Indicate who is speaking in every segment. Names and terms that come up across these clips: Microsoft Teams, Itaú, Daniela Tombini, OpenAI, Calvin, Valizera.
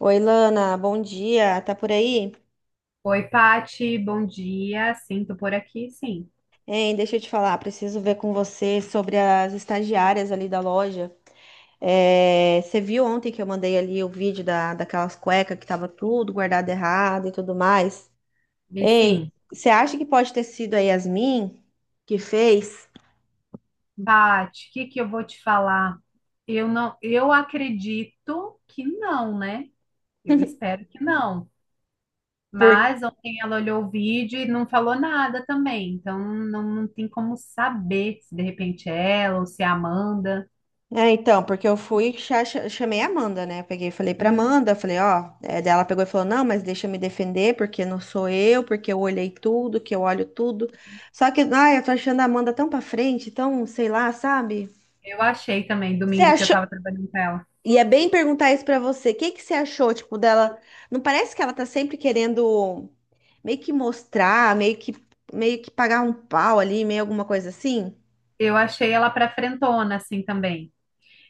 Speaker 1: Oi, Lana, bom dia. Tá por aí?
Speaker 2: Oi, Pati, bom dia. Sinto por aqui, sim.
Speaker 1: Hein, deixa eu te falar, preciso ver com você sobre as estagiárias ali da loja. É, você viu ontem que eu mandei ali o vídeo daquelas cuecas que tava tudo guardado errado e tudo mais?
Speaker 2: E
Speaker 1: Ei,
Speaker 2: sim,
Speaker 1: você acha que pode ter sido a Yasmin que fez?
Speaker 2: Pati, o que que eu vou te falar? Eu acredito que não, né? Eu espero que não. Mas ontem ela olhou o vídeo e não falou nada também. Então não tem como saber se de repente é ela ou se é a Amanda.
Speaker 1: É, então, porque eu fui, chamei a Amanda, né? Peguei, e falei pra
Speaker 2: Uhum.
Speaker 1: Amanda, falei, ó, é, daí ela pegou e falou, não, mas deixa eu me defender, porque não sou eu, porque eu olhei tudo, que eu olho tudo. Só que, ai, eu tô achando a Amanda tão pra frente, tão, sei lá, sabe?
Speaker 2: Eu achei também,
Speaker 1: Você
Speaker 2: domingo que eu
Speaker 1: achou?
Speaker 2: tava trabalhando com ela.
Speaker 1: E é bem perguntar isso pra você, o que que você achou, tipo, dela? Não parece que ela tá sempre querendo meio que mostrar, meio que pagar um pau ali, meio alguma coisa assim?
Speaker 2: Eu achei ela pra frentona, assim também.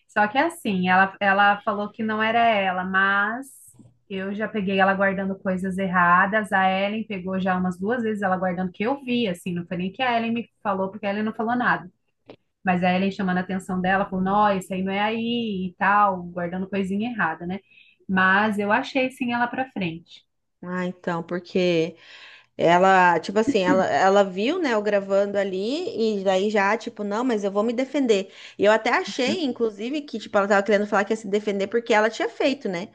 Speaker 2: Só que assim, ela falou que não era ela, mas eu já peguei ela guardando coisas erradas. A Ellen pegou já umas duas vezes ela guardando que eu vi, assim, não foi nem que a Ellen me falou, porque a Ellen não falou nada. Mas a Ellen chamando a atenção dela, falou, não, isso aí não é aí e tal, guardando coisinha errada, né? Mas eu achei sim ela pra frente.
Speaker 1: Ah, então, porque. Ela, tipo assim, ela viu, né, eu gravando ali, e daí já, tipo, não, mas eu vou me defender. E eu até achei, inclusive, que, tipo, ela tava querendo falar que ia se defender porque ela tinha feito, né?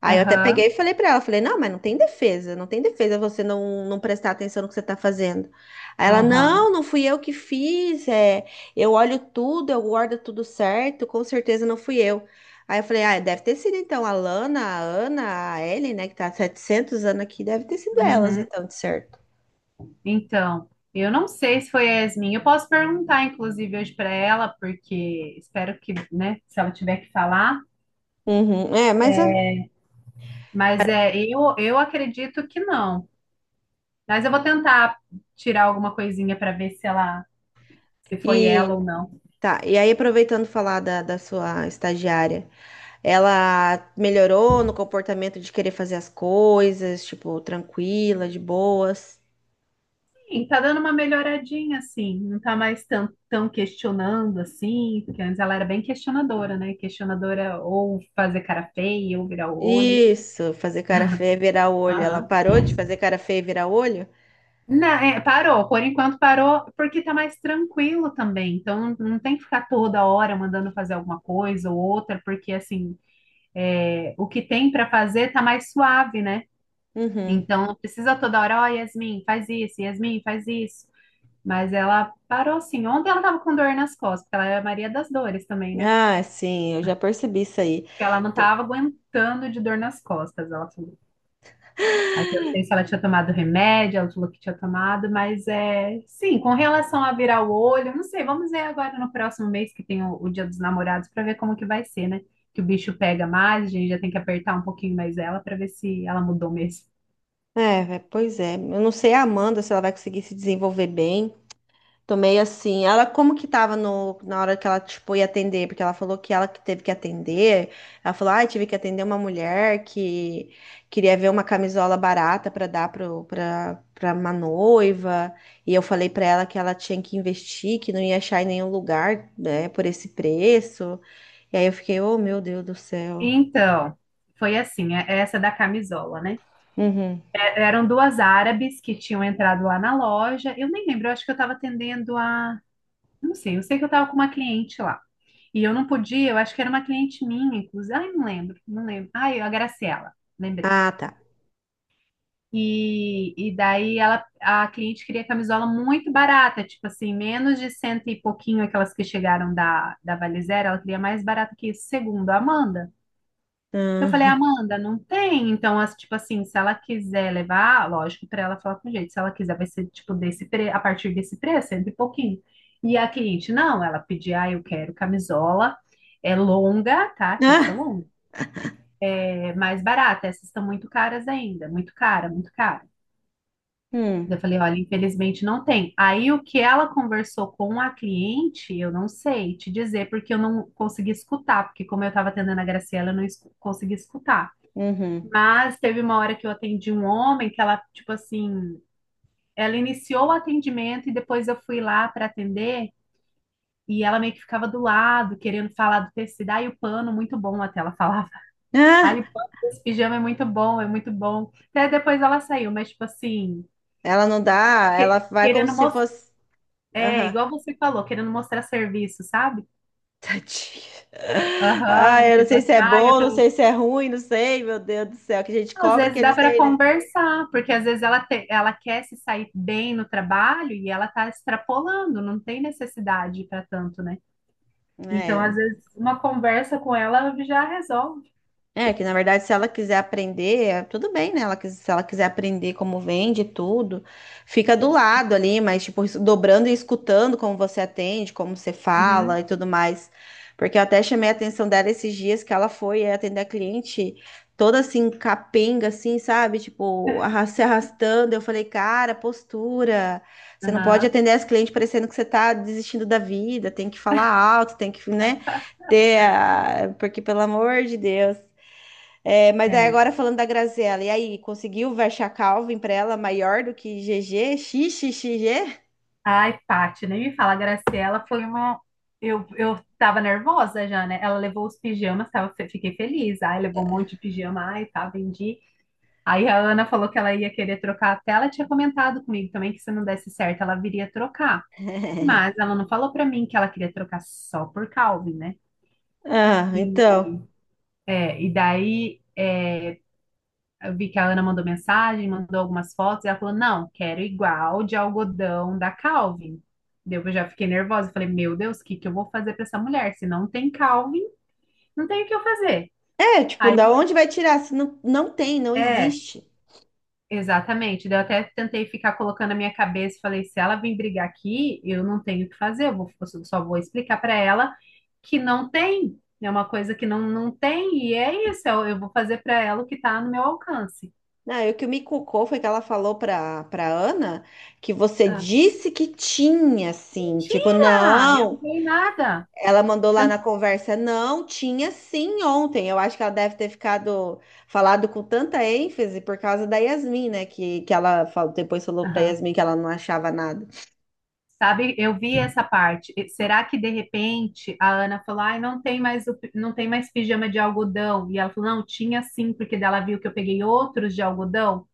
Speaker 1: Aí eu até peguei e
Speaker 2: Aham,
Speaker 1: falei pra ela, falei, não, mas não tem defesa, não tem defesa você não prestar atenção no que você tá fazendo. Aí ela,
Speaker 2: aham,
Speaker 1: não, não fui eu que fiz, é, eu olho tudo, eu guardo tudo certo, com certeza não fui eu. Aí eu falei, ah, deve ter sido então a Lana, a Ana, a Ellen, né, que tá há 700 anos aqui, deve ter sido elas
Speaker 2: uhum.
Speaker 1: então, de certo.
Speaker 2: Então, eu não sei se foi a Yasmin. Eu posso perguntar, inclusive, hoje para ela, porque espero que, né, se ela tiver que falar.
Speaker 1: Uhum, é, mas
Speaker 2: Mas é, eu acredito que não. Mas eu vou tentar tirar alguma coisinha para ver se foi ela
Speaker 1: e
Speaker 2: ou não.
Speaker 1: tá. E aí aproveitando falar da sua estagiária, ela melhorou no comportamento de querer fazer as coisas, tipo, tranquila, de boas.
Speaker 2: Sim, tá dando uma melhoradinha, assim. Não tá mais tão questionando, assim. Porque antes ela era bem questionadora, né? Questionadora ou fazer cara feia, ou virar o olho.
Speaker 1: Isso, fazer cara feia e virar o olho. Ela parou de fazer cara feia e virar o olho?
Speaker 2: Não, é, parou, por enquanto parou, porque tá mais tranquilo também. Então não tem que ficar toda hora mandando fazer alguma coisa ou outra, porque assim, é, o que tem para fazer tá mais suave, né?
Speaker 1: Uhum.
Speaker 2: Então não precisa toda hora, ó, Yasmin, faz isso, Yasmin, faz isso. Mas ela parou assim. Ontem ela tava com dor nas costas, porque ela é a Maria das Dores também, né?
Speaker 1: Ah, sim, eu já percebi isso aí.
Speaker 2: Porque ela não
Speaker 1: T-
Speaker 2: tava aguentando de dor nas costas, ela. Aí perguntei se ela tinha tomado remédio, ela falou que tinha tomado, mas é sim, com relação a virar o olho, eu não sei, vamos ver agora no próximo mês que tem o Dia dos Namorados para ver como que vai ser, né? Que o bicho pega mais, a gente já tem que apertar um pouquinho mais ela para ver se ela mudou mesmo.
Speaker 1: É, vé, pois é. Eu não sei a Amanda se ela vai conseguir se desenvolver bem. Tomei assim. Ela como que tava no, na hora que ela, tipo, ia atender? Porque ela falou que ela que teve que atender. Ela falou, ah, tive que atender uma mulher que queria ver uma camisola barata para dar pra uma noiva. E eu falei para ela que ela tinha que investir, que não ia achar em nenhum lugar, né, por esse preço. E aí eu fiquei, oh, meu Deus do céu.
Speaker 2: Então, foi assim, é essa da camisola, né?
Speaker 1: Uhum.
Speaker 2: Eram duas árabes que tinham entrado lá na loja. Eu nem lembro, eu acho que eu estava atendendo a, não sei, eu sei que eu estava com uma cliente lá. E eu não podia, eu acho que era uma cliente minha, inclusive. Ai, não lembro, não lembro. Ai, a Graciela, lembrei.
Speaker 1: Ah, tá.
Speaker 2: E daí ela, a cliente queria camisola muito barata, tipo assim, menos de cento e pouquinho aquelas que chegaram da, Valizera, ela queria mais barata que isso, segundo a Amanda. Eu falei,
Speaker 1: Ah.
Speaker 2: Amanda, não tem. Então, tipo assim, se ela quiser levar, lógico, para ela falar com jeito. Se ela quiser, vai ser tipo a partir desse preço, cento e pouquinho. E a cliente, não, ela pedia, ah, eu quero camisola, é longa, tá? Tinha que ser
Speaker 1: Ah.
Speaker 2: longa. É mais barata, essas estão muito caras ainda, muito cara, muito cara. Eu
Speaker 1: Hum.
Speaker 2: falei, olha, infelizmente não tem. Aí o que ela conversou com a cliente, eu não sei te dizer, porque eu não consegui escutar, porque como eu estava atendendo a Graciela, eu não consegui escutar.
Speaker 1: Uhum.
Speaker 2: Mas teve uma hora que eu atendi um homem que ela, tipo assim, ela iniciou o atendimento e depois eu fui lá para atender e ela meio que ficava do lado, querendo falar do tecido. Ai, o pano, muito bom, até ela falava.
Speaker 1: Ah,
Speaker 2: Ai, o pano desse pijama é muito bom, é muito bom. Até depois ela saiu, mas, tipo assim,
Speaker 1: ela não dá, ela vai como
Speaker 2: querendo
Speaker 1: se
Speaker 2: mostrar.
Speaker 1: fosse.
Speaker 2: É,
Speaker 1: Aham.
Speaker 2: igual você falou, querendo mostrar serviço, sabe?
Speaker 1: Tadinha. Ah,
Speaker 2: Aham,
Speaker 1: eu não
Speaker 2: tipo
Speaker 1: sei se
Speaker 2: assim,
Speaker 1: é
Speaker 2: ai, eu
Speaker 1: bom, não
Speaker 2: tô.
Speaker 1: sei se é ruim, não sei, meu Deus do céu, que a gente
Speaker 2: Às
Speaker 1: cobra que
Speaker 2: vezes dá
Speaker 1: eles
Speaker 2: para
Speaker 1: têm,
Speaker 2: conversar, porque às vezes ela quer se sair bem no trabalho e ela está extrapolando, não tem necessidade para tanto, né?
Speaker 1: né?
Speaker 2: Então, às
Speaker 1: É.
Speaker 2: vezes, uma conversa com ela já resolve.
Speaker 1: É, que na verdade, se ela quiser aprender, tudo bem, né? Ela, se ela quiser aprender como vende tudo, fica do lado ali, mas, tipo, dobrando e escutando como você atende, como você fala
Speaker 2: Uhum,
Speaker 1: e tudo mais. Porque eu até chamei a atenção dela esses dias que ela foi, é, atender a cliente toda assim, capenga, assim, sabe? Tipo, se arrastando. Eu falei, cara, postura. Você não pode
Speaker 2: aham,
Speaker 1: atender as clientes parecendo que você tá desistindo da vida, tem que falar alto, tem que, né? Porque, pelo amor de Deus. É, mas aí
Speaker 2: é.
Speaker 1: agora falando da Graziella, e aí, conseguiu verchar Calvin pra ela maior do que GG? XXXG?
Speaker 2: Ai, Paty, nem me fala, a Graciela foi uma. Eu tava nervosa já, né? Ela levou os pijamas, tava, fiquei feliz. Ai, levou um monte de pijama, ai, tá, vendi. Aí a Ana falou que ela ia querer trocar até ela tinha comentado comigo também que se não desse certo, ela viria trocar. Mas ela não falou pra mim que ela queria trocar só por Calvin, né?
Speaker 1: Ah, então.
Speaker 2: E, e daí, eu vi que a Ana mandou mensagem, mandou algumas fotos, e ela falou: não, quero igual de algodão da Calvin. Daí eu já fiquei nervosa, falei, meu Deus, o que que eu vou fazer pra essa mulher? Se não tem Calvin, não tem o que eu fazer.
Speaker 1: É, tipo,
Speaker 2: Aí,
Speaker 1: da onde vai tirar? Se não, não tem, não
Speaker 2: é,
Speaker 1: existe.
Speaker 2: Exatamente. Daí eu até tentei ficar colocando a minha cabeça e falei, se ela vir brigar aqui, eu não tenho o que fazer, eu só vou explicar para ela que não tem, é uma coisa que não tem, e é isso, eu vou fazer para ela o que está no meu alcance.
Speaker 1: Não, e o que me cucou foi que ela falou pra Ana que você
Speaker 2: Ah,
Speaker 1: disse que tinha, assim. Tipo,
Speaker 2: mentira! Eu não
Speaker 1: não.
Speaker 2: dei nada.
Speaker 1: Ela mandou lá na conversa, não, tinha sim ontem. Eu acho que ela deve ter ficado falado com tanta ênfase por causa da Yasmin, né? Que ela falou, depois falou pra
Speaker 2: Aham.
Speaker 1: Yasmin que ela não achava nada.
Speaker 2: Sabe, eu vi essa parte. E será que de repente a Ana falou, ai, não tem mais o, não tem mais pijama de algodão? E ela falou, não, tinha sim, porque dela viu que eu peguei outros de algodão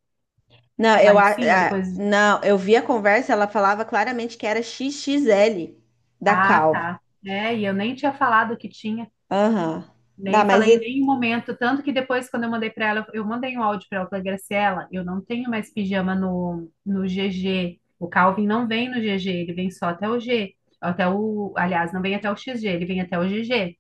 Speaker 1: Não,
Speaker 2: lá
Speaker 1: eu,
Speaker 2: em cima, depois.
Speaker 1: não, eu vi a conversa, ela falava claramente que era XXL da
Speaker 2: Ah,
Speaker 1: Calvo.
Speaker 2: tá. É, e eu nem tinha falado que tinha,
Speaker 1: Aham. Dá,
Speaker 2: nem
Speaker 1: mas
Speaker 2: falei em
Speaker 1: e...
Speaker 2: nenhum momento. Tanto que depois, quando eu mandei para ela, eu mandei um áudio para ela, falei, Graciela, eu não tenho mais pijama no GG. O Calvin não vem no GG, ele vem só até o G. Até o, aliás, não vem até o XG, ele vem até o GG.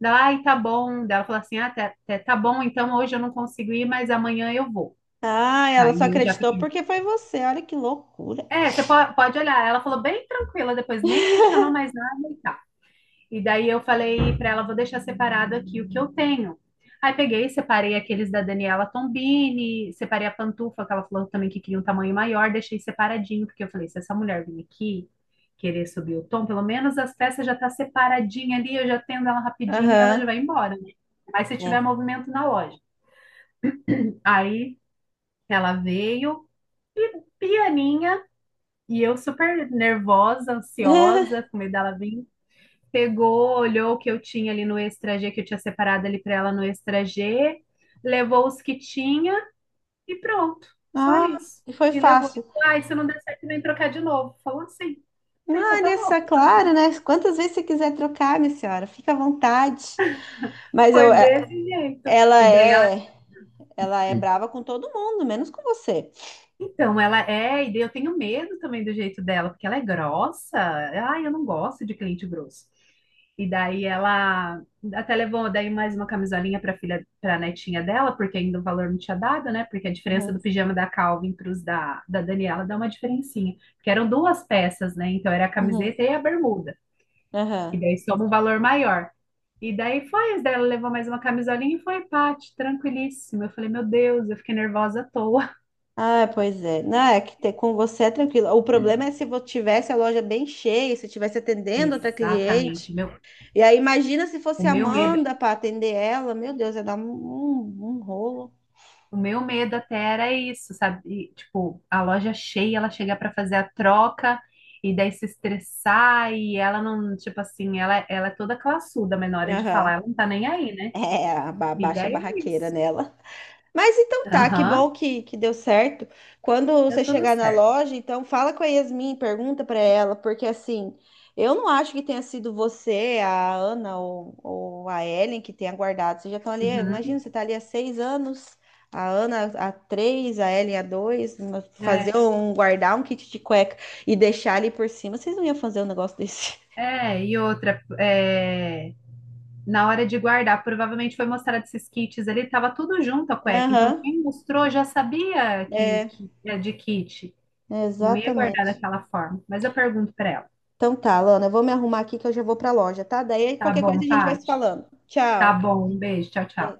Speaker 2: Daí, ela, ai, tá bom. Daí ela falou assim: ah, tá, tá bom, então hoje eu não consigo ir, mas amanhã eu vou.
Speaker 1: Ah, ela só
Speaker 2: Aí eu já
Speaker 1: acreditou
Speaker 2: fiquei.
Speaker 1: porque foi você. Olha que loucura.
Speaker 2: É, você pode olhar. Ela falou bem tranquila depois, nem questionou mais nada. E daí eu falei para ela, vou deixar separado aqui o que eu tenho. Aí peguei, separei aqueles da Daniela Tombini, separei a pantufa, que ela falou também que queria um tamanho maior, deixei separadinho, porque eu falei, se essa mulher vir aqui querer subir o tom, pelo menos as peças já tá separadinha ali, eu já tendo ela rapidinho e ela já vai
Speaker 1: Aham.
Speaker 2: embora, né? Mas se tiver
Speaker 1: É.
Speaker 2: movimento na loja. Aí ela veio e pianinha, e eu super nervosa, ansiosa, com medo dela vir, pegou, olhou o que eu tinha ali no extra G, que eu tinha separado ali para ela no extra G, levou os que tinha e pronto. Só
Speaker 1: Ah,
Speaker 2: isso.
Speaker 1: e foi
Speaker 2: E levou.
Speaker 1: fácil.
Speaker 2: Ai, se não der certo, vem trocar de novo. Falou assim. Falei, então tá
Speaker 1: Olha
Speaker 2: bom.
Speaker 1: só, claro, né? Quantas vezes você quiser trocar, minha senhora, fica à vontade. Mas eu,
Speaker 2: Foi desse jeito.
Speaker 1: ela
Speaker 2: E daí ela.
Speaker 1: é, ela é brava com todo mundo, menos com você.
Speaker 2: Então, ela é, e daí eu tenho medo também do jeito dela, porque ela é grossa. Ai, eu não gosto de cliente grosso. E daí ela até levou daí mais uma camisolinha para filha, para netinha dela, porque ainda o valor não tinha dado, né? Porque a diferença
Speaker 1: Uhum,
Speaker 2: do pijama da Calvin para os da, Daniela dá uma diferencinha. Porque eram duas peças, né? Então era a
Speaker 1: uhum,
Speaker 2: camiseta e a bermuda.
Speaker 1: aham.
Speaker 2: E daí soma um valor maior. E daí foi, as dela levou mais uma camisolinha e foi, Paty, tranquilíssima. Eu falei, meu Deus, eu fiquei nervosa à toa.
Speaker 1: Ah, pois é. Não, é que ter com você é tranquilo. O problema é se eu tivesse a loja bem cheia, se eu estivesse atendendo outra
Speaker 2: Exatamente.
Speaker 1: cliente.
Speaker 2: Meu.
Speaker 1: E aí, imagina se
Speaker 2: O
Speaker 1: fosse a
Speaker 2: meu medo,
Speaker 1: Amanda para atender ela. Meu Deus, ia dar um rolo.
Speaker 2: o meu medo até era isso, sabe? E, tipo, a loja cheia, ela chegar para fazer a troca e daí se estressar e ela não, tipo assim, ela é toda classuda, mas na hora de falar,
Speaker 1: Aham.
Speaker 2: ela não tá nem aí, né?
Speaker 1: É, a
Speaker 2: E
Speaker 1: baixa
Speaker 2: daí é
Speaker 1: barraqueira
Speaker 2: isso.
Speaker 1: nela. Mas então tá, que
Speaker 2: Aham,
Speaker 1: bom que deu certo. Quando
Speaker 2: deu
Speaker 1: você
Speaker 2: tudo
Speaker 1: chegar na
Speaker 2: certo.
Speaker 1: loja, então fala com a Yasmin, pergunta pra ela, porque assim, eu não acho que tenha sido você, a Ana ou a Ellen que tenha guardado. Vocês já estão ali, imagina,
Speaker 2: Uhum.
Speaker 1: você tá ali há 6 anos, a Ana há 3, a Ellen há 2, fazer
Speaker 2: É,
Speaker 1: um, guardar um kit de cueca e deixar ali por cima, vocês não iam fazer um negócio desse.
Speaker 2: é, e outra, na hora de guardar, provavelmente foi mostrado esses kits ali, tava tudo junto a cueca, então
Speaker 1: Aham,
Speaker 2: quem mostrou já sabia que,
Speaker 1: é,
Speaker 2: que é de kit. Não ia guardar
Speaker 1: exatamente.
Speaker 2: daquela forma. Mas eu pergunto pra ela.
Speaker 1: Então tá, Lana, eu vou me arrumar aqui que eu já vou pra loja, tá? Daí
Speaker 2: Tá
Speaker 1: qualquer coisa
Speaker 2: bom,
Speaker 1: a gente vai se
Speaker 2: Paty?
Speaker 1: falando.
Speaker 2: Tá
Speaker 1: Tchau.
Speaker 2: bom, um beijo, tchau, tchau.